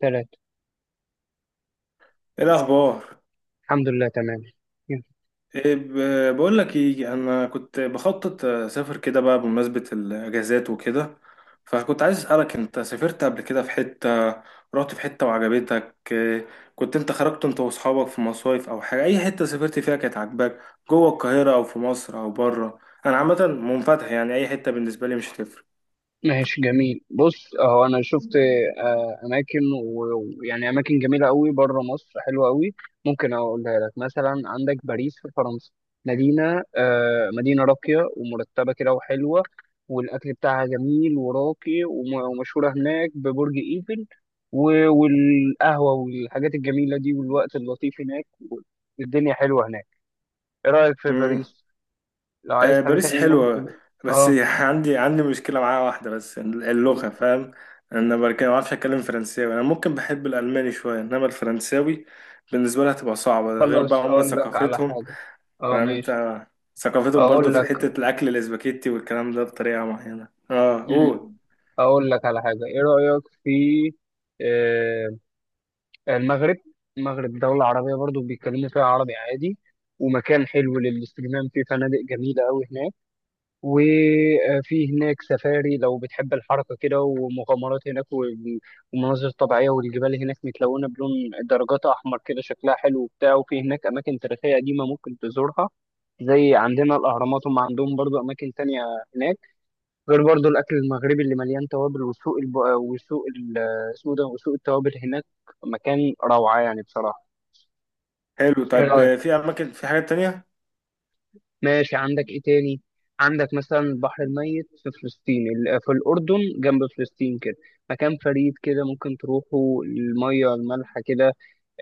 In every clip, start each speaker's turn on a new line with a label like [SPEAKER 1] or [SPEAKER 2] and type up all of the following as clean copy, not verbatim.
[SPEAKER 1] ثلاثة.
[SPEAKER 2] ايه الاخبار؟
[SPEAKER 1] الحمد لله، تمام.
[SPEAKER 2] بقول لك ايه، انا كنت بخطط اسافر كده بقى بمناسبه الاجازات وكده. فكنت عايز اسالك، انت سافرت قبل كده في حته؟ رحت في حته وعجبتك إيه؟ كنت انت خرجت انت واصحابك في مصايف او حاجه؟ اي حته سافرت فيها كانت عاجباك؟ جوه القاهره او في مصر او بره؟ انا عامه منفتح يعني، اي حته بالنسبه لي مش هتفرق.
[SPEAKER 1] ماشي، جميل. بص اهو انا شفت اماكن. و- ويعني اماكن جميله قوي بره مصر، حلوه قوي. ممكن اقولها لك. مثلا عندك باريس في فرنسا. مدينه راقيه ومرتبه كده وحلوه. والاكل بتاعها جميل وراقي، وم- ومشهوره هناك ببرج ايفل، و- والقهوه والحاجات الجميله دي، والوقت اللطيف هناك، والدنيا حلوه هناك. ايه رايك في باريس؟ لو عايز
[SPEAKER 2] آه،
[SPEAKER 1] حاجه
[SPEAKER 2] باريس
[SPEAKER 1] تانية
[SPEAKER 2] حلوة.
[SPEAKER 1] ممكن.
[SPEAKER 2] بس
[SPEAKER 1] اه،
[SPEAKER 2] عندي مشكلة معاها، واحدة بس، اللغة، فاهم. أنا بركة ما بعرفش أتكلم فرنساوي. أنا ممكن بحب الألماني شوية، إنما الفرنساوي بالنسبة لها تبقى صعبة. ده غير بقى
[SPEAKER 1] خلاص
[SPEAKER 2] هما
[SPEAKER 1] اقول لك على
[SPEAKER 2] ثقافتهم.
[SPEAKER 1] حاجه. اه
[SPEAKER 2] فاهم
[SPEAKER 1] ماشي.
[SPEAKER 2] أنت. ثقافتهم برضو
[SPEAKER 1] اقول
[SPEAKER 2] في
[SPEAKER 1] لك.
[SPEAKER 2] حتة الأكل الإسباجيتي والكلام ده بطريقة معينة. أه أوه
[SPEAKER 1] مم. اقول لك على حاجه. ايه رايك في آه، المغرب؟ المغرب دوله عربيه برضو، بيتكلموا فيها عربي عادي، ومكان حلو للاستجمام، فيه فنادق جميله قوي هناك. وفي هناك سفاري لو بتحب الحركه كده، ومغامرات هناك، ومناظر طبيعيه، والجبال هناك متلونه بلون درجات احمر كده، شكلها حلو وبتاع. وفي هناك اماكن تاريخيه قديمه ممكن تزورها، زي عندنا الأهرامات، هم عندهم برضو أماكن تانية هناك. غير برضو الأكل المغربي اللي مليان توابل، وسوق الب... وسوق ال... اسمه ده، وسوق التوابل هناك. مكان روعة يعني بصراحة.
[SPEAKER 2] حلو.
[SPEAKER 1] إيه
[SPEAKER 2] طب
[SPEAKER 1] رأيك؟
[SPEAKER 2] في أماكن، في حاجات تانية؟
[SPEAKER 1] ماشي، عندك إيه تاني؟ عندك مثلا البحر الميت في فلسطين، في الأردن جنب فلسطين كده، مكان فريد كده، ممكن تروحوا. المية المالحة كده،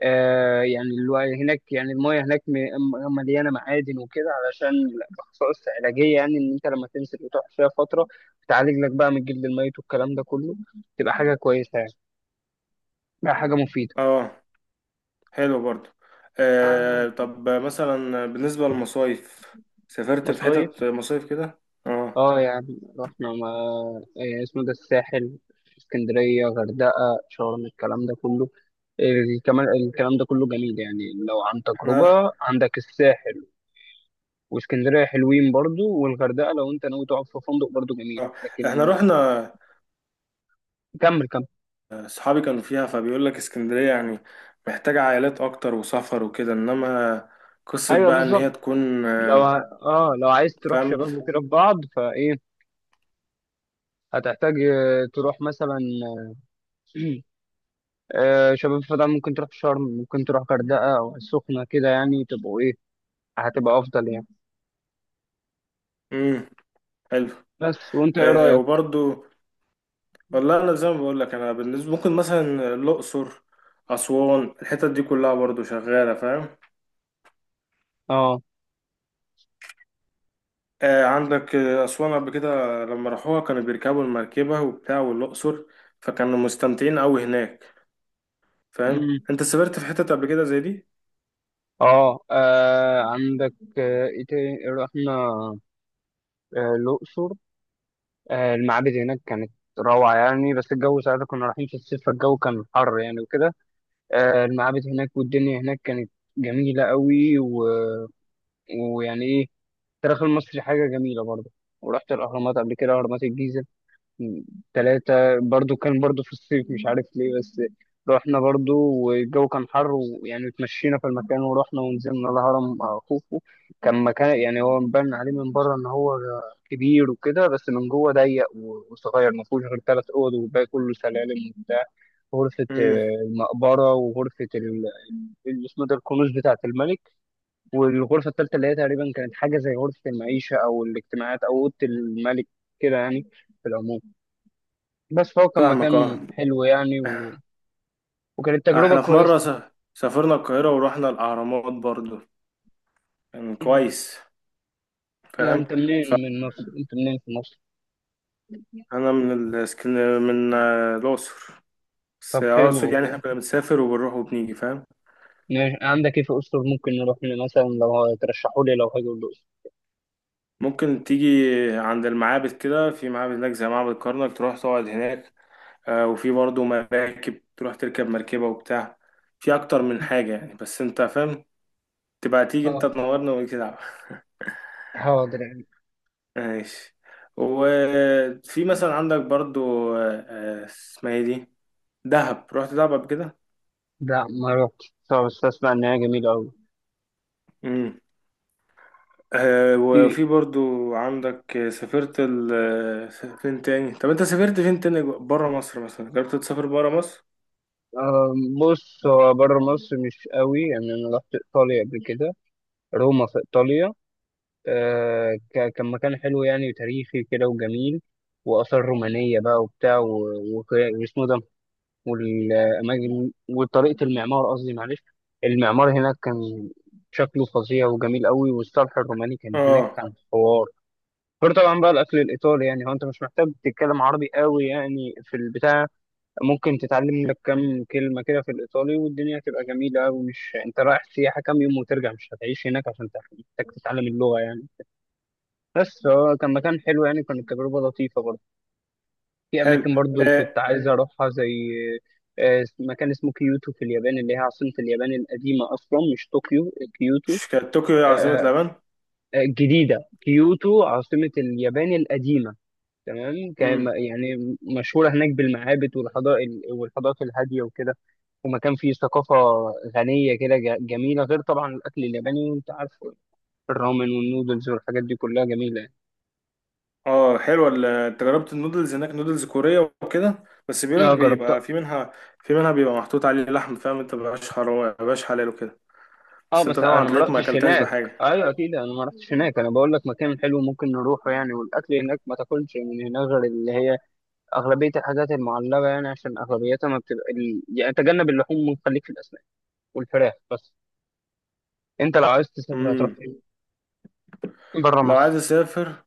[SPEAKER 1] آه يعني الوعي هناك، يعني المايه هناك مليانه معادن وكده، علشان الخصائص علاجيه، يعني ان انت لما تنزل وتقعد فيها فتره بتعالج لك بقى من الجلد الميت والكلام ده كله. تبقى حاجه كويسه يعني، بقى حاجه مفيده.
[SPEAKER 2] أه، حلو برضو.
[SPEAKER 1] آه،
[SPEAKER 2] آه، طب مثلا بالنسبة للمصايف، سافرت في
[SPEAKER 1] مصايف.
[SPEAKER 2] حتت مصايف كده؟ أه.
[SPEAKER 1] اه يعني رحنا، ما اسمه ده، الساحل، اسكندريه، غردقه، شرم، الكلام ده كله. الكلام الكلام ده كله جميل يعني، لو عن تجربه. عندك الساحل واسكندريه حلوين برضو، والغردقه لو انت ناوي تقعد في فندق برضو جميل.
[SPEAKER 2] آه،
[SPEAKER 1] لكن
[SPEAKER 2] احنا رحنا.
[SPEAKER 1] كمل كمل.
[SPEAKER 2] صحابي كانوا فيها، فبيقول لك اسكندرية يعني محتاجة عائلات اكتر وسفر وكده، انما قصة
[SPEAKER 1] ايوه
[SPEAKER 2] بقى ان هي
[SPEAKER 1] بالظبط.
[SPEAKER 2] تكون
[SPEAKER 1] لو ع- اه لو عايز تروح
[SPEAKER 2] فاهم.
[SPEAKER 1] شباب وكده في بعض، فايه هتحتاج تروح مثلا، شباب. فده ممكن تروح شرم، ممكن تروح غردقه او السخنه كده، يعني تبقوا ايه، هتبقى افضل يعني.
[SPEAKER 2] امم، حلو.
[SPEAKER 1] بس وانت ايه
[SPEAKER 2] آه،
[SPEAKER 1] رايك؟
[SPEAKER 2] وبرضو والله، انا زي ما بقول لك، انا بالنسبة ممكن مثلا الاقصر، اسوان، الحتت دي كلها برضو شغالة، فاهم.
[SPEAKER 1] اه،
[SPEAKER 2] آه، عندك اسوان قبل كده، لما راحوها كانوا بيركبوا المركبة وبتاع، والاقصر، فكانوا مستمتعين قوي هناك. فاهم
[SPEAKER 1] مم،
[SPEAKER 2] انت سافرت في حتت قبل كده زي دي؟
[SPEAKER 1] اه، عندك ايه تاني. رحنا الاقصر. المعابد هناك كانت روعة يعني، بس الجو ساعتها كنا رايحين في الصيف، فالجو كان حر يعني وكده. المعابد هناك والدنيا هناك كانت جميلة قوي. و... ويعني ايه، التاريخ المصري حاجة جميلة برضه. ورحت الأهرامات قبل كده، أهرامات الجيزة ثلاثة. برضو كان برضو في الصيف، مش عارف ليه بس. رحنا برضو والجو كان حر، ويعني اتمشينا في المكان، ورحنا ونزلنا الهرم مع خوفو. كان مكان يعني هو مبان عليه من بره ان هو كبير وكده، بس من جوه ضيق وصغير، ما فيهوش غير ثلاث اوض، والباقي كله سلالم وبتاع. غرفة
[SPEAKER 2] امم.
[SPEAKER 1] المقبرة، وغرفة اللي اسمه ده الكنوز بتاعة الملك، والغرفة الثالثة اللي هي تقريبا كانت حاجة زي غرفة المعيشة او الاجتماعات او اوضة الملك كده يعني. في العموم، بس فهو كان مكان
[SPEAKER 2] فاهمك اه.
[SPEAKER 1] حلو يعني، و... وكانت تجربة
[SPEAKER 2] احنا في مرة
[SPEAKER 1] كويسة.
[SPEAKER 2] سافرنا القاهرة ورحنا الأهرامات برضو، كان كويس،
[SPEAKER 1] يعني
[SPEAKER 2] فاهم.
[SPEAKER 1] أنت منين من مصر؟ أنت منين في مصر؟
[SPEAKER 2] فأنا من الاسكن من آه، الأقصر، بس
[SPEAKER 1] طب حلو
[SPEAKER 2] أقصد يعني احنا
[SPEAKER 1] والله.
[SPEAKER 2] كنا بنسافر وبنروح وبنيجي، فاهم.
[SPEAKER 1] ماشي. عندك إيه في أسطر ممكن نروح له مثلا لو ترشحوا لي، لو هاجي الأقصر؟
[SPEAKER 2] ممكن تيجي عند المعابد كده، في معابد هناك زي معبد كرنك تروح تقعد هناك. آه، وفي برضو مراكب تروح تركب مركبة وبتاع. في أكتر من حاجة يعني، بس أنت فاهم. تبقى تيجي أنت
[SPEAKER 1] آه،
[SPEAKER 2] تنورنا ونيجي نلعب.
[SPEAKER 1] حاضر يعني.
[SPEAKER 2] ماشي. وفي مثلا عندك برضو اسمها ايه دي، دهب. رحت دهب قبل كده؟
[SPEAKER 1] لا، ما رحتش، طب بس أسمع إن هي جميلة أوي.
[SPEAKER 2] امم. آه، وفي
[SPEAKER 1] في
[SPEAKER 2] برضو عندك سافرت ال... آه، فين تاني؟ طب انت سافرت فين تاني بره مصر؟ مثلا جربت تسافر بره مصر؟
[SPEAKER 1] آه، بص، هو بره مصر مش قوي يعني. أنا رحت إيطاليا قبل كده، روما في إيطاليا. آه كان مكان حلو يعني، وتاريخي كده وجميل، وآثار رومانية بقى وبتاع واسمه ده، والأماكن وطريقة المعمار. قصدي معلش، المعمار هناك كان شكله فظيع وجميل قوي، والصرح الروماني كان هناك،
[SPEAKER 2] اه،
[SPEAKER 1] كان حوار. غير طبعا بقى الأكل الإيطالي، يعني هو أنت مش محتاج تتكلم عربي قوي يعني في البتاع. ممكن تتعلم لك كام كلمة كده في الإيطالي والدنيا هتبقى جميلة، ومش أنت رايح سياحة كام يوم وترجع، مش هتعيش هناك عشان محتاج تتعلم اللغة يعني. بس هو كان مكان حلو يعني، كانت تجربة لطيفة برضه. في
[SPEAKER 2] حلو.
[SPEAKER 1] أماكن برضو كنت
[SPEAKER 2] آه،
[SPEAKER 1] عايز أروحها، زي مكان اسمه كيوتو في اليابان، اللي هي عاصمة اليابان القديمة أصلا، مش طوكيو، كيوتو.
[SPEAKER 2] مش كانت طوكيو هي
[SPEAKER 1] آه،
[SPEAKER 2] عاصمة اليابان؟
[SPEAKER 1] الجديدة كيوتو عاصمة اليابان القديمة. تمام. كان-
[SPEAKER 2] امم.
[SPEAKER 1] يعني مشهورة هناك بالمعابد والحضارة، والحضارات الهادية وكده. ومكان فيه ثقافة غنية كده، جميلة. غير طبعا الأكل الياباني، وأنت عارف الرامن والنودلز والحاجات دي كلها جميلة يعني.
[SPEAKER 2] اه، حلوة انت جربت النودلز هناك؟ نودلز كورية وكده، بس بيقولك
[SPEAKER 1] اه جربتها.
[SPEAKER 2] بيبقى في منها، في منها بيبقى محطوط عليه لحم، فاهم انت، مبقاش حرام، مبقاش حلال وكده.
[SPEAKER 1] اه
[SPEAKER 2] بس انت
[SPEAKER 1] بس
[SPEAKER 2] طبعا
[SPEAKER 1] انا ما
[SPEAKER 2] تلاقيك ما
[SPEAKER 1] رحتش
[SPEAKER 2] اكلتهاش
[SPEAKER 1] هناك.
[SPEAKER 2] بحاجه.
[SPEAKER 1] ايوه اكيد، انا ما رحتش هناك، انا بقول لك مكان حلو ممكن نروحه يعني. والاكل هناك ما تاكلش من هناك غير اللي هي اغلبيه الحاجات المعلبه يعني، عشان اغلبيتها ما بتبقى يعني تجنب اللحوم وخليك في الاسماك والفراخ بس. انت لو عايز تسافر هتروح
[SPEAKER 2] امم.
[SPEAKER 1] فين بره
[SPEAKER 2] لو
[SPEAKER 1] مصر؟
[SPEAKER 2] عايز اسافر،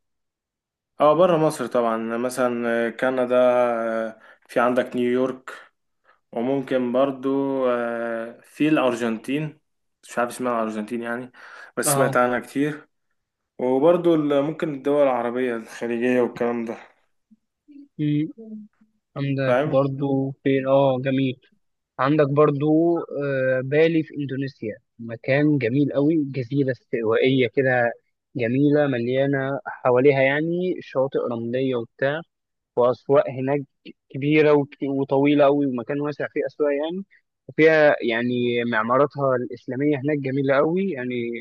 [SPEAKER 2] اه بره مصر طبعا، مثلا آه، كندا، في عندك نيويورك. وممكن برضو آه، في الارجنتين. مش عارف اسمها الارجنتين يعني، بس
[SPEAKER 1] اه.
[SPEAKER 2] سمعت عنها كتير. وبرضو ممكن الدول العربيه الخليجيه والكلام ده،
[SPEAKER 1] أمم، عندك
[SPEAKER 2] فاهم.
[SPEAKER 1] برضو فين؟ اه جميل. عندك برضو بالي في إندونيسيا، مكان جميل قوي، جزيرة استوائية كده جميلة، مليانة حواليها يعني شواطئ رملية وبتاع، وأسواق هناك كبيرة وطويلة قوي، ومكان واسع فيه أسواق يعني. وفيها يعني معماراتها الإسلامية هناك جميلة قوي يعني،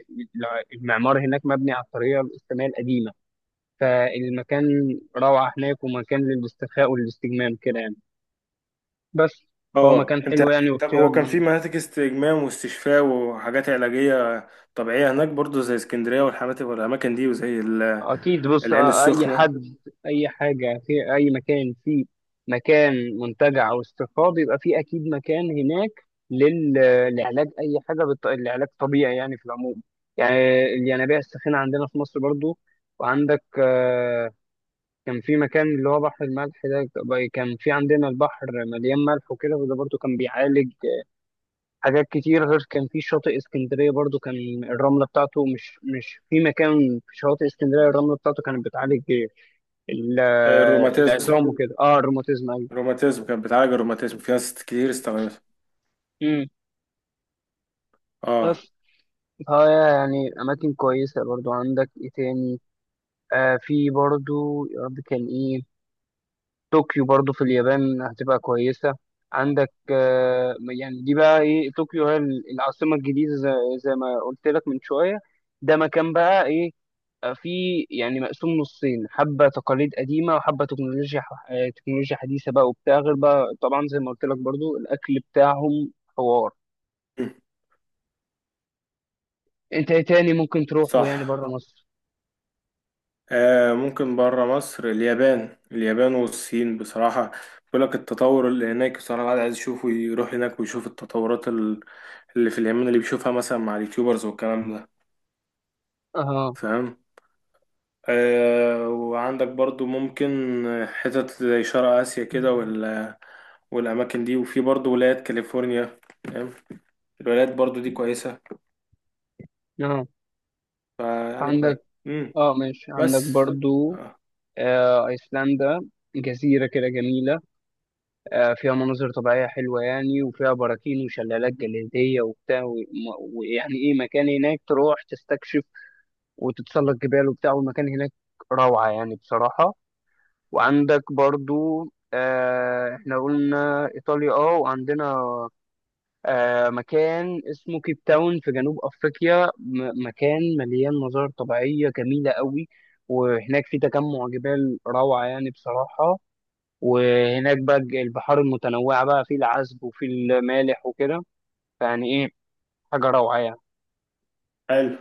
[SPEAKER 1] المعمار هناك مبني على الطريقة الإسلامية القديمة. فالمكان روعة هناك، ومكان للاسترخاء والاستجمام كده يعني، بس. فهو
[SPEAKER 2] اه،
[SPEAKER 1] مكان
[SPEAKER 2] انت
[SPEAKER 1] حلو يعني
[SPEAKER 2] يعني، طب
[SPEAKER 1] واختيار.
[SPEAKER 2] هو كان في مناطق استجمام واستشفاء وحاجات علاجيه طبيعيه هناك برضو، زي اسكندريه والحاجات والاماكن دي،
[SPEAKER 1] اكيد، بص
[SPEAKER 2] العين
[SPEAKER 1] اي
[SPEAKER 2] السخنه.
[SPEAKER 1] حد، اي حاجه في اي مكان في مكان منتجع او استشفاء، بيبقى في اكيد مكان هناك لل- لعلاج اي حاجه العلاج طبيعي يعني في العموم. يعني الينابيع الساخنه عندنا في مصر برضو. وعندك كان في مكان اللي هو بحر الملح ده، كان في عندنا البحر مليان ملح وكده، وده برضو كان بيعالج حاجات كتير. غير كان في شاطئ اسكندرية برضو، كان الرملة بتاعته مش في مكان في شواطئ اسكندرية، الرملة بتاعته كانت بتعالج
[SPEAKER 2] آه، الروماتيزم،
[SPEAKER 1] العظام، الروماتيزم وكده، اه الروماتيزم ايوه.
[SPEAKER 2] الروماتيزم كانت بتعالج الروماتيزم، في ناس كتير استخدمتها.
[SPEAKER 1] امم.
[SPEAKER 2] اه.
[SPEAKER 1] بس فهي يعني أماكن كويسة برضو. عندك ايه تاني؟ آه، في برضو، يا رب كان ايه، طوكيو برضو في اليابان هتبقى كويسة. عندك آه يعني دي بقى ايه، طوكيو هي العاصمة الجديدة، زي ما قلت لك من شوية. ده مكان بقى ايه، في يعني مقسوم نصين، حبة تقاليد قديمة وحبة تكنولوجيا، تكنولوجيا حديثة بقى وبتاع. غير بقى طبعا زي ما قلت لك برضو، الأكل بتاعهم حوار.
[SPEAKER 2] م.
[SPEAKER 1] أنت إيه تاني ممكن تروحه
[SPEAKER 2] صح.
[SPEAKER 1] يعني بره مصر؟
[SPEAKER 2] آه ممكن بره مصر، اليابان، اليابان والصين بصراحة. بيقول لك التطور اللي هناك بصراحة، الواحد عايز يشوفه، يروح هناك ويشوف التطورات اللي في اليمن، اللي بيشوفها مثلا مع اليوتيوبرز والكلام ده،
[SPEAKER 1] أها.
[SPEAKER 2] فاهم. آه، وعندك برضو ممكن حتت زي شرق آسيا كده، والأماكن دي. وفي برضو ولايات كاليفورنيا، فاهم. الولايات برضو دي كويسة،
[SPEAKER 1] أه.
[SPEAKER 2] فيعني كويس.
[SPEAKER 1] عندك أه ماشي، عندك
[SPEAKER 2] بس
[SPEAKER 1] برضو
[SPEAKER 2] آه.
[SPEAKER 1] آه أيسلندا، جزيرة كده جميلة، آه فيها مناظر طبيعية حلوة يعني، وفيها براكين وشلالات جليدية وبتاع ويعني إيه، مكان هناك تروح تستكشف وتتسلق جبال وبتاع، والمكان هناك روعة يعني بصراحة. وعندك برضو آه، احنا قلنا إيطاليا، اه وعندنا آه مكان اسمه كيب تاون في جنوب أفريقيا، مكان مليان مظاهر طبيعية جميلة قوي، وهناك في تجمع جبال روعة يعني بصراحة. وهناك بقى البحار المتنوعة بقى، في العذب وفي المالح وكده، فيعني ايه، حاجة روعة يعني.
[SPEAKER 2] حلو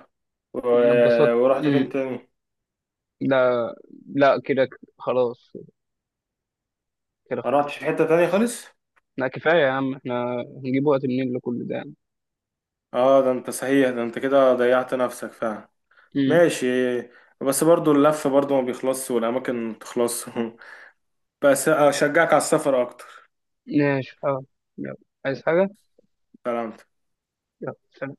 [SPEAKER 2] و...
[SPEAKER 1] اتبسطت.
[SPEAKER 2] ورحت
[SPEAKER 1] مم.
[SPEAKER 2] فين تاني؟
[SPEAKER 1] لا. لا كده، خلاص. كده
[SPEAKER 2] ما رحتش في
[SPEAKER 1] خلاص.
[SPEAKER 2] حتة تانية خالص؟
[SPEAKER 1] لا كفاية يا عم، احنا هنجيب وقت منين لكل ده يعني.
[SPEAKER 2] اه، ده انت صحيح، ده انت كده ضيعت نفسك فعلا.
[SPEAKER 1] امم.
[SPEAKER 2] ماشي. بس برضو اللف برضو ما بيخلصش والاماكن ما بتخلصش بس اشجعك على السفر اكتر.
[SPEAKER 1] ماشي. اه. يلا، عايز حاجة؟
[SPEAKER 2] سلام.
[SPEAKER 1] يلا سلام.